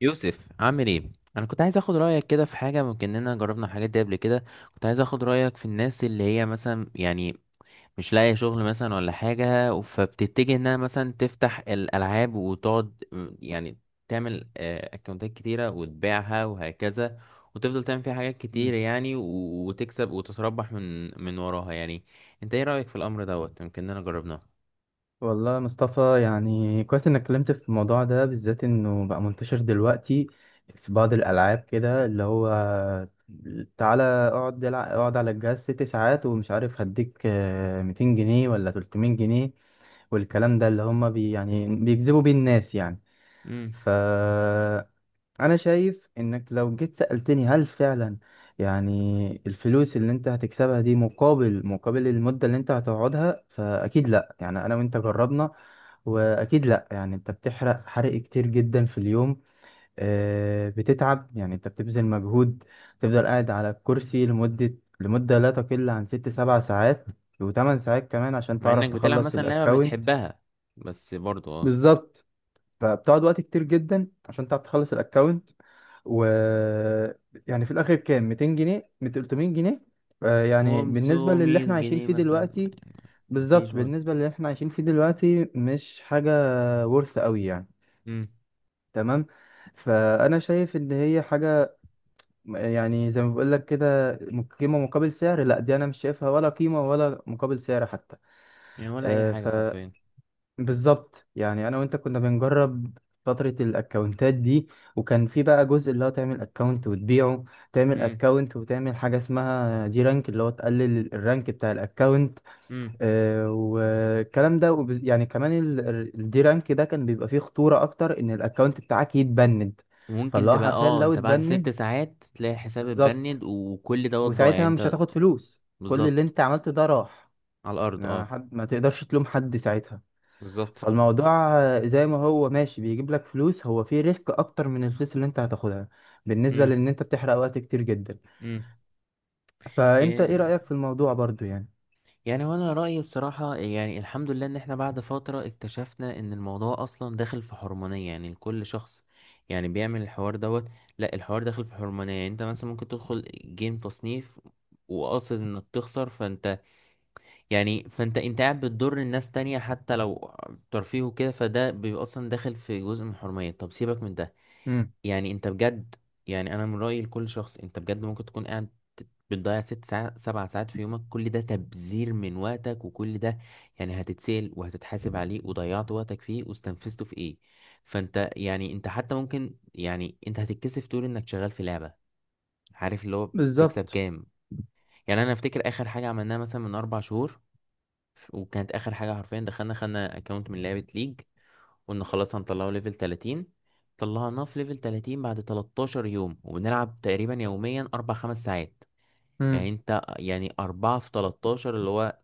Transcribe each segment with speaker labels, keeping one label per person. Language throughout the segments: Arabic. Speaker 1: يوسف عامل ايه؟ انا كنت عايز اخد رايك كده في حاجه، ممكن اننا جربنا الحاجات دي قبل كده. كنت عايز اخد رايك في الناس اللي هي مثلا يعني مش لاقيه شغل مثلا ولا حاجه، فبتتجه انها مثلا تفتح الالعاب وتقعد تعمل اكونتات كتيره وتبيعها وهكذا، وتفضل تعمل فيها حاجات
Speaker 2: مم.
Speaker 1: كتير يعني وتكسب وتتربح من وراها يعني. انت ايه رايك في الامر دوت؟ يمكن اننا جربناه.
Speaker 2: والله يا مصطفى، يعني كويس انك اتكلمت في الموضوع ده بالذات، انه بقى منتشر دلوقتي في بعض الالعاب كده اللي هو تعالى اقعد العب، اقعد على الجهاز 6 ساعات ومش عارف هديك 200 جنيه ولا 300 جنيه. والكلام ده اللي هم بي يعني بيجذبوا بيه الناس يعني.
Speaker 1: امم
Speaker 2: ف انا شايف انك لو جيت سألتني هل فعلا يعني الفلوس اللي انت هتكسبها دي مقابل المدة اللي انت هتقعدها، فاكيد لا. يعني انا وانت جربنا، واكيد لا. يعني انت بتحرق حرق كتير جدا في اليوم، بتتعب. يعني انت بتبذل مجهود، تفضل قاعد على الكرسي لمدة لا تقل عن ست سبع ساعات وثمان ساعات كمان عشان
Speaker 1: مع
Speaker 2: تعرف
Speaker 1: انك بتلعب
Speaker 2: تخلص
Speaker 1: مثلا لعبه
Speaker 2: الاكونت.
Speaker 1: بتحبها، بس برضو اه.
Speaker 2: بالظبط. فبتقعد وقت كتير جدا عشان تعرف تخلص الاكونت. و يعني في الاخر كام، 200 جنيه 300 جنيه؟ يعني بالنسبه للي
Speaker 1: 500
Speaker 2: احنا عايشين
Speaker 1: جنيه
Speaker 2: فيه
Speaker 1: مثلا
Speaker 2: دلوقتي.
Speaker 1: يعني. مفيش
Speaker 2: بالظبط،
Speaker 1: برضه.
Speaker 2: بالنسبه للي احنا عايشين فيه دلوقتي مش حاجه ورث قوي يعني.
Speaker 1: امم.
Speaker 2: تمام. فانا شايف ان هي حاجه، يعني زي ما بقول لك كده، قيمه مقابل سعر. لا، دي انا مش شايفها ولا قيمه ولا مقابل سعر حتى.
Speaker 1: يعني ولا اي
Speaker 2: آه،
Speaker 1: حاجه
Speaker 2: ف
Speaker 1: حرفيا.
Speaker 2: بالظبط. يعني انا وانت كنا بنجرب فترة الاكونتات دي، وكان في بقى جزء اللي هو تعمل اكونت وتبيعه، تعمل
Speaker 1: امم.
Speaker 2: اكونت وتعمل حاجة اسمها دي رانك، اللي هو تقلل الرانك بتاع الاكونت.
Speaker 1: امم.
Speaker 2: والكلام ده، يعني كمان الدي رانك ده كان بيبقى فيه خطورة اكتر ان الاكونت بتاعك يتبند.
Speaker 1: وممكن
Speaker 2: فاللي هو
Speaker 1: تبقى
Speaker 2: حرفيا
Speaker 1: اه
Speaker 2: لو
Speaker 1: انت بعد ست
Speaker 2: اتبند،
Speaker 1: ساعات تلاقي حساب اتبند
Speaker 2: بالظبط،
Speaker 1: وكل دوت ضايع
Speaker 2: وساعتها
Speaker 1: يعني
Speaker 2: مش
Speaker 1: انت.
Speaker 2: هتاخد فلوس، كل اللي
Speaker 1: بالظبط.
Speaker 2: انت عملته ده راح.
Speaker 1: على الارض
Speaker 2: ما
Speaker 1: اه.
Speaker 2: حد، ما تقدرش تلوم حد ساعتها.
Speaker 1: بالظبط.
Speaker 2: فالموضوع زي ما هو ماشي بيجيب لك فلوس، هو فيه ريسك اكتر من الفلوس اللي انت هتاخدها، بالنسبة
Speaker 1: امم.
Speaker 2: لان انت بتحرق وقت كتير جدا. فانت ايه رأيك
Speaker 1: امم.
Speaker 2: في الموضوع برضو يعني؟
Speaker 1: يعني وانا رأيي الصراحة يعني الحمد لله ان احنا بعد فترة اكتشفنا ان الموضوع اصلا داخل في حرمانية يعني لكل شخص يعني بيعمل الحوار دوت. لا الحوار داخل في حرمانية، يعني انت مثلا ممكن تدخل جيم تصنيف وقاصد انك تخسر، فانت يعني فانت قاعد بتضر الناس تانية، حتى لو ترفيه وكده فده بيبقى اصلا داخل في جزء من الحرمانية. طب سيبك من ده.
Speaker 2: امم
Speaker 1: يعني انت بجد، يعني انا من رأيي لكل شخص، انت بجد ممكن تكون قاعد بتضيع ست ساعات سبع ساعات في يومك، كل ده تبذير من وقتك، وكل ده يعني هتتسال وهتتحاسب عليه، وضيعت وقتك فيه واستنفذته في ايه. فانت يعني انت حتى ممكن، يعني انت هتتكسف تقول انك شغال في لعبة، عارف اللي هو بتكسب
Speaker 2: بالظبط.
Speaker 1: كام. يعني انا افتكر اخر حاجة عملناها مثلا من اربع شهور، وكانت اخر حاجه حرفيا دخلنا خدنا اكونت من لعبه ليج، قلنا خلاص هنطلعه ليفل 30. طلعناه في ليفل 30 بعد 13 يوم، وبنلعب تقريبا يوميا 4 5 ساعات. يعني
Speaker 2: امم
Speaker 1: انت يعني 4 في 13 اللي هو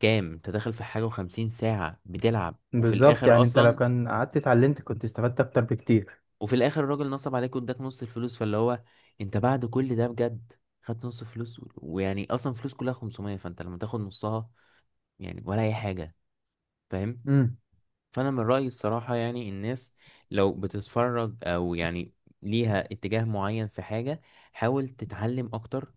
Speaker 1: كام، انت داخل في حاجه و50 ساعه بتلعب، وفي
Speaker 2: بالظبط.
Speaker 1: الاخر
Speaker 2: يعني انت لو
Speaker 1: اصلا.
Speaker 2: كان قعدت اتعلمت كنت استفدت اكتر بكتير.
Speaker 1: وفي الاخر الراجل نصب عليك واداك نص الفلوس، فاللي هو انت بعد كل ده بجد خدت نص فلوس ويعني اصلا فلوس كلها 500، فانت لما تاخد نصها يعني ولا اي حاجه. فاهم.
Speaker 2: امم
Speaker 1: فانا من رايي الصراحه يعني الناس لو بتتفرج او يعني ليها اتجاه معين في حاجه، حاول تتعلم اكتر،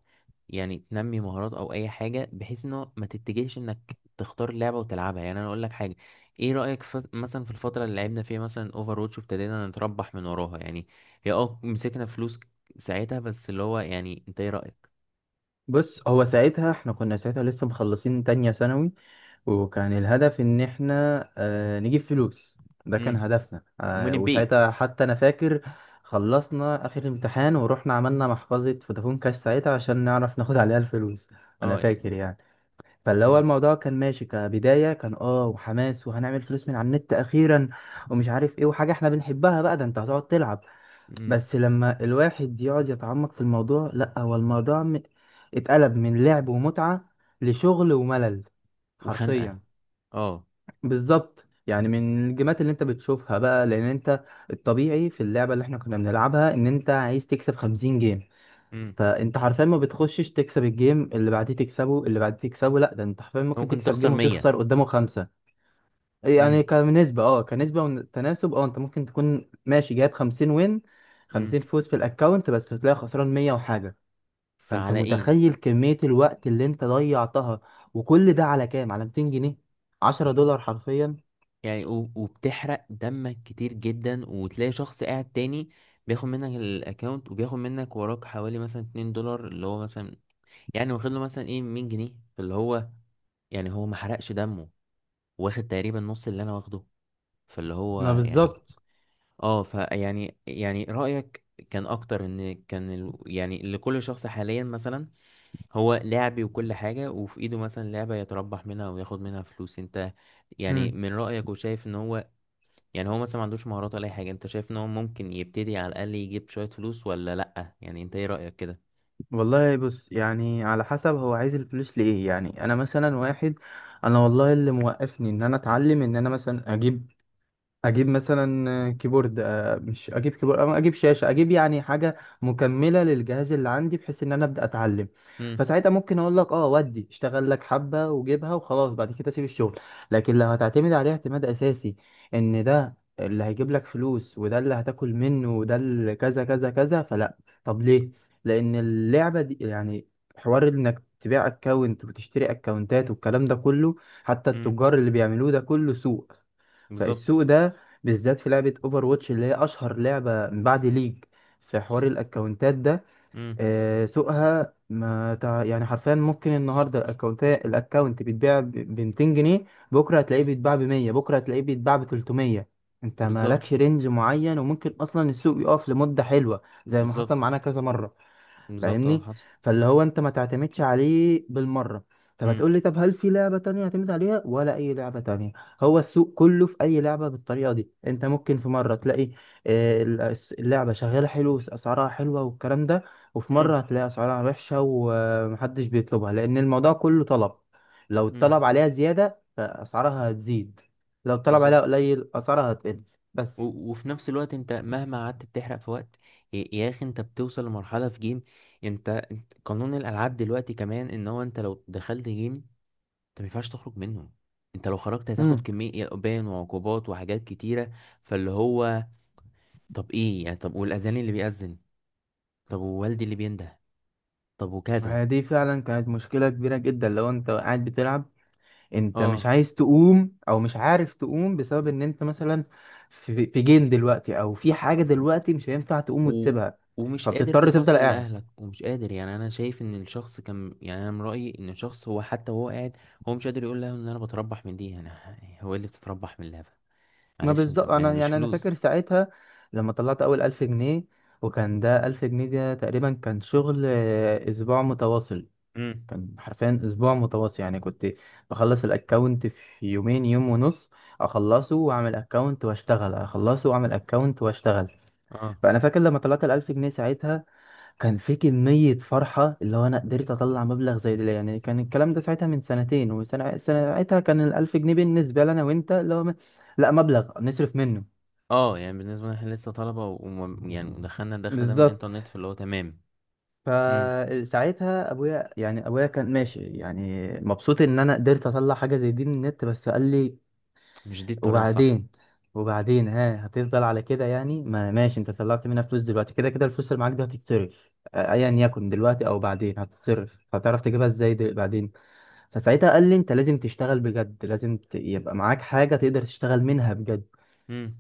Speaker 1: يعني تنمي مهارات او اي حاجه، بحيث انه ما تتجهش انك تختار لعبه وتلعبها. يعني انا اقول لك حاجه، ايه رايك في مثلا في الفتره اللي لعبنا فيها مثلا اوفر واتش وابتدينا نتربح من وراها يعني، هي اه مسكنا فلوس ساعتها، بس اللي هو يعني انت ايه رايك؟
Speaker 2: بص، هو ساعتها احنا كنا ساعتها لسه مخلصين تانية ثانوي، وكان الهدف ان احنا نجيب فلوس. ده كان
Speaker 1: امم.
Speaker 2: هدفنا.
Speaker 1: ومن البيت.
Speaker 2: وساعتها حتى انا فاكر، خلصنا اخر امتحان ورحنا عملنا محفظة فودافون كاش ساعتها عشان نعرف ناخد عليها الفلوس. انا
Speaker 1: اه يعني.
Speaker 2: فاكر يعني. فاللي هو
Speaker 1: امم.
Speaker 2: الموضوع كان ماشي كبداية، كان وحماس، وهنعمل فلوس من على النت اخيرا ومش عارف ايه، وحاجة احنا بنحبها بقى، ده انت هتقعد تلعب.
Speaker 1: امم.
Speaker 2: بس لما الواحد يقعد يتعمق في الموضوع، لا، هو الموضوع اتقلب من لعب ومتعة لشغل وملل
Speaker 1: وخنقه.
Speaker 2: حرفيا.
Speaker 1: اه.
Speaker 2: بالظبط. يعني من الجيمات اللي انت بتشوفها بقى، لان انت الطبيعي في اللعبه اللي احنا كنا بنلعبها ان انت عايز تكسب 50 جيم،
Speaker 1: امم.
Speaker 2: فانت حرفيا ما بتخشش تكسب الجيم اللي بعديه تكسبه اللي بعديه تكسبه، لا، ده انت حرفيا
Speaker 1: انت
Speaker 2: ممكن
Speaker 1: ممكن
Speaker 2: تكسب
Speaker 1: تخسر
Speaker 2: جيم
Speaker 1: 100.
Speaker 2: وتخسر قدامه خمسه. يعني
Speaker 1: امم.
Speaker 2: كنسبه وتناسب، انت ممكن تكون ماشي جايب 50 وين
Speaker 1: امم.
Speaker 2: 50 فوز في الاكونت بس تلاقي خسران 100 وحاجه. فانت
Speaker 1: فعلى ايه.
Speaker 2: متخيل كميه الوقت اللي انت ضيعتها؟ وكل ده على كام؟ على 200 جنيه،
Speaker 1: وب-
Speaker 2: 10 دولار حرفيا.
Speaker 1: يعني وبتحرق دمك كتير جدا، وتلاقي شخص قاعد تاني بياخد منك الاكونت، وبياخد منك وراك حوالي مثلا 2 دولار اللي هو مثلا، يعني واخد له مثلا ايه 100 جنيه، فاللي هو يعني هو ما حرقش دمه، واخد تقريبا نص اللي انا واخده، فاللي هو
Speaker 2: ما
Speaker 1: يعني.
Speaker 2: بالظبط.
Speaker 1: اه فيعني يعني رأيك كان اكتر، ان كان يعني لكل شخص حاليا مثلا هو لعبي وكل حاجة، وفي ايده مثلا لعبة يتربح منها وياخد منها فلوس، انت يعني
Speaker 2: مم.
Speaker 1: من رأيك وشايف ان هو يعني هو مثلا ما عندوش مهارات ولا اي حاجة، انت شايف ان هو ممكن يبتدي على الاقل يجيب شوية فلوس، ولا لأ؟ يعني انت ايه رأيك كده؟
Speaker 2: والله بص، يعني على حسب هو عايز الفلوس لإيه. يعني أنا مثلا واحد، أنا والله اللي موقفني إن أنا أتعلم، إن أنا مثلا أجيب، مثلا كيبورد، مش اجيب كيبورد أو اجيب شاشه، اجيب يعني حاجه مكمله للجهاز اللي عندي بحيث ان انا ابدا اتعلم.
Speaker 1: امم.
Speaker 2: فساعتها ممكن اقول لك ودي، اشتغل لك حبه وجيبها وخلاص، بعد كده سيب الشغل. لكن لو هتعتمد عليه اعتماد اساسي، ان ده اللي هيجيب لك فلوس وده اللي هتاكل منه وده اللي كذا كذا كذا، فلا. طب ليه؟ لان اللعبه دي يعني حوار انك تبيع اكونت وتشتري اكونتات والكلام ده كله، حتى
Speaker 1: امم.
Speaker 2: التجار اللي بيعملوه، ده كله سوق.
Speaker 1: بالظبط.
Speaker 2: فالسوق ده بالذات، في لعبة اوفر واتش اللي هي اشهر لعبة من بعد ليج في حوار الاكونتات ده،
Speaker 1: امم.
Speaker 2: سوقها ما تع... يعني حرفيا ممكن النهارده الاكونت، بيتباع ب 200 جنيه، بكره هتلاقيه بيتباع ب 100، بكره هتلاقيه بيتباع ب 300. انت
Speaker 1: بالظبط.
Speaker 2: مالكش رينج معين، وممكن اصلا السوق يقف لمدة حلوة زي ما
Speaker 1: بالظبط.
Speaker 2: حصل معانا كذا مرة.
Speaker 1: بالظبط اه
Speaker 2: فاهمني؟
Speaker 1: حصل.
Speaker 2: فاللي هو انت ما تعتمدش عليه بالمره. طب
Speaker 1: امم.
Speaker 2: هتقول لي طب هل في لعبه تانية اعتمد عليها ولا اي لعبه تانية؟ هو السوق كله في اي لعبه بالطريقه دي. انت ممكن في مره تلاقي اللعبه شغاله حلو، اسعارها حلوه والكلام ده، وفي
Speaker 1: امم.
Speaker 2: مره هتلاقي اسعارها وحشه ومحدش بيطلبها، لان الموضوع كله طلب. لو
Speaker 1: امم.
Speaker 2: الطلب عليها زياده فاسعارها هتزيد، لو الطلب عليها
Speaker 1: بالظبط.
Speaker 2: قليل اسعارها هتقل. بس.
Speaker 1: وفي نفس الوقت انت مهما قعدت بتحرق في وقت، يا اخي انت بتوصل لمرحلة في جيم. قانون الالعاب دلوقتي كمان ان هو انت لو دخلت جيم انت ما ينفعش تخرج منه، انت لو خرجت هتاخد
Speaker 2: امم
Speaker 1: كمية بان وعقوبات وحاجات كتيرة. فاللي هو طب ايه يعني، طب والأذان اللي بيأذن، طب ووالدي اللي بينده، طب وكذا.
Speaker 2: دي فعلا كانت مشكله كبيره جدا، لو انت قاعد بتلعب انت مش
Speaker 1: اه.
Speaker 2: عايز تقوم او مش عارف تقوم، بسبب ان انت مثلا في جيم دلوقتي او في حاجه دلوقتي مش هينفع تقوم
Speaker 1: و...
Speaker 2: وتسيبها،
Speaker 1: ومش قادر
Speaker 2: فبتضطر تفضل
Speaker 1: تفصل
Speaker 2: قاعد.
Speaker 1: لأهلك، ومش قادر، يعني أنا شايف إن الشخص كان، يعني أنا من رأيي إن الشخص هو حتى وهو قاعد هو مش قادر يقول لهم إن أنا بتربح من دي. أنا هو إيه اللي بتتربح من اللهفة؟
Speaker 2: ما
Speaker 1: معلش أنت
Speaker 2: بالظبط.
Speaker 1: يعني
Speaker 2: انا،
Speaker 1: مش
Speaker 2: يعني انا
Speaker 1: فلوس.
Speaker 2: فاكر ساعتها لما طلعت اول 1000 جنيه، وكان ده 1000 جنيه ده تقريبا كان شغل اسبوع متواصل.
Speaker 1: امم.
Speaker 2: كان حرفيا اسبوع متواصل. يعني كنت بخلص الاكونت في يومين، يوم ونص، اخلصه واعمل اكونت واشتغل، اخلصه واعمل اكونت واشتغل.
Speaker 1: اه.
Speaker 2: فانا فاكر لما طلعت الألف جنيه ساعتها، كان في كمية فرحة اللي هو أنا قدرت أطلع مبلغ زي ده يعني. كان الكلام ده ساعتها من سنتين وسنة، ساعتها كان الألف جنيه بالنسبة لنا وأنت اللي هو لا، مبلغ نصرف منه.
Speaker 1: اه يعني بالنسبة لنا احنا لسه طلبة يعني دخلنا الدخل ده من
Speaker 2: بالظبط.
Speaker 1: الإنترنت، فاللي هو تمام. مم.
Speaker 2: فساعتها أبويا، يعني أبويا كان ماشي، يعني مبسوط إن أنا قدرت أطلع حاجة زي دي من النت، بس قال لي
Speaker 1: مش دي الطريقة الصح.
Speaker 2: وبعدين، ها هتفضل على كده يعني. ما ماشي، أنت طلعت منها فلوس دلوقتي، كده كده الفلوس اللي معاك دي هتتصرف أيا يكن، دلوقتي أو بعدين هتتصرف، هتعرف تجيبها إزاي بعدين. فساعتها قال لي انت لازم تشتغل بجد، لازم يبقى معاك حاجة تقدر تشتغل منها بجد.
Speaker 1: امم.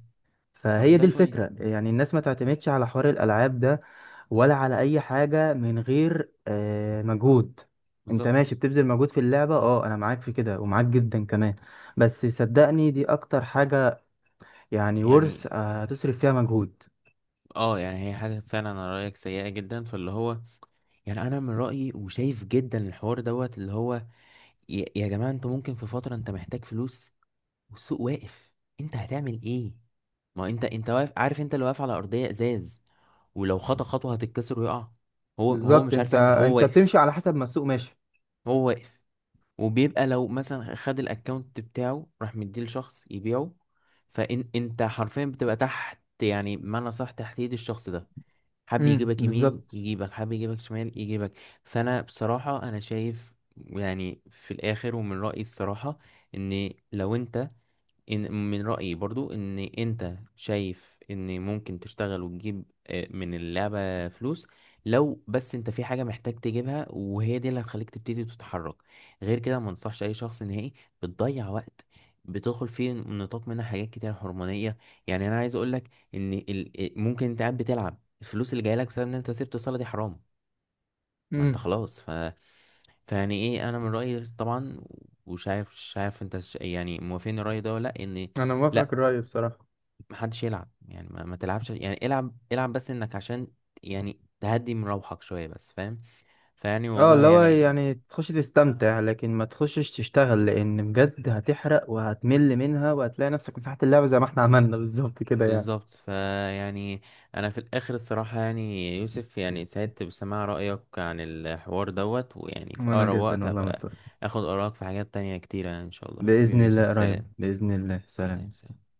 Speaker 1: طب
Speaker 2: فهي
Speaker 1: ده
Speaker 2: دي
Speaker 1: كويس.
Speaker 2: الفكرة، يعني الناس ما تعتمدش على حوار الألعاب ده، ولا على أي حاجة من غير مجهود. انت
Speaker 1: بالظبط.
Speaker 2: ماشي بتبذل مجهود في اللعبة، انا معاك في كده ومعاك جدا كمان. بس صدقني دي اكتر حاجة يعني
Speaker 1: يعني
Speaker 2: ورث هتصرف فيها مجهود.
Speaker 1: اه، يعني هي حاجة فعلا على رأيك سيئة جدا، فاللي هو يعني انا من رأيي وشايف جدا الحوار دوت اللي هو يا جماعة انتوا ممكن في فترة انت محتاج فلوس والسوق واقف، انت هتعمل ايه؟ ما هو انت واقف عارف، انت اللي واقف على ارضية ازاز، ولو خطأ خطوة هتتكسر ويقع. هو
Speaker 2: بالظبط.
Speaker 1: مش عارف
Speaker 2: انت
Speaker 1: يعمل، هو
Speaker 2: انت
Speaker 1: واقف.
Speaker 2: بتمشي على حسب ما السوق ماشي.
Speaker 1: هو واقف. وبيبقى لو مثلا خد الاكونت بتاعه راح مديه لشخص يبيعه، فان انت حرفيا بتبقى تحت، يعني بمعنى صح تحت ايد الشخص ده، حب يجيبك يمين
Speaker 2: بالظبط.
Speaker 1: يجيبك، حب يجيبك شمال يجيبك. فانا بصراحة انا شايف يعني في الاخر ومن رأيي الصراحة ان لو انت، إن من رأيي برضو إن أنت شايف إن ممكن تشتغل وتجيب من اللعبة فلوس، لو بس أنت في حاجة محتاج تجيبها، وهي دي اللي هتخليك تبتدي تتحرك. غير كده ما انصحش أي شخص نهائي، بتضيع وقت، بتدخل فيه نطاق منها حاجات كتير هرمونية. يعني أنا عايز أقولك إن ممكن أنت قاعد بتلعب الفلوس اللي جايلك بسبب إن أنت سبت الصلاة، دي حرام. ما أنت
Speaker 2: امم
Speaker 1: خلاص فيعني إيه، أنا من رأيي طبعا، ومش عارف مش عارف أنت يعني موافقني الرأي ده ولا لأ، إن
Speaker 2: انا موافقك الرأي بصراحة.
Speaker 1: محدش يلعب. يعني ما تلعبش، يعني العب العب بس انك عشان يعني تهدي من روحك شوية بس، فاهم؟ فيعني
Speaker 2: اه،
Speaker 1: والله
Speaker 2: اللي هو
Speaker 1: يعني.
Speaker 2: يعني تخش تستمتع، لكن ما تخشش تشتغل، لان بجد هتحرق وهتمل منها وهتلاقي نفسك مساحة اللعبة زي ما احنا عملنا بالظبط كده يعني.
Speaker 1: بالظبط. فيعني انا في الاخر الصراحة يعني يوسف، يعني سعدت بسماع رأيك عن الحوار دوت، ويعني في
Speaker 2: وانا
Speaker 1: اقرب
Speaker 2: جدا
Speaker 1: وقت
Speaker 2: والله
Speaker 1: هبقى
Speaker 2: مستر.
Speaker 1: اخد آرائك في حاجات تانية كتيرة. يعني ان شاء الله
Speaker 2: بإذن
Speaker 1: حبيبي
Speaker 2: الله
Speaker 1: يوسف،
Speaker 2: قريب،
Speaker 1: سلام.
Speaker 2: بإذن الله. سلام.
Speaker 1: سلام. سلام.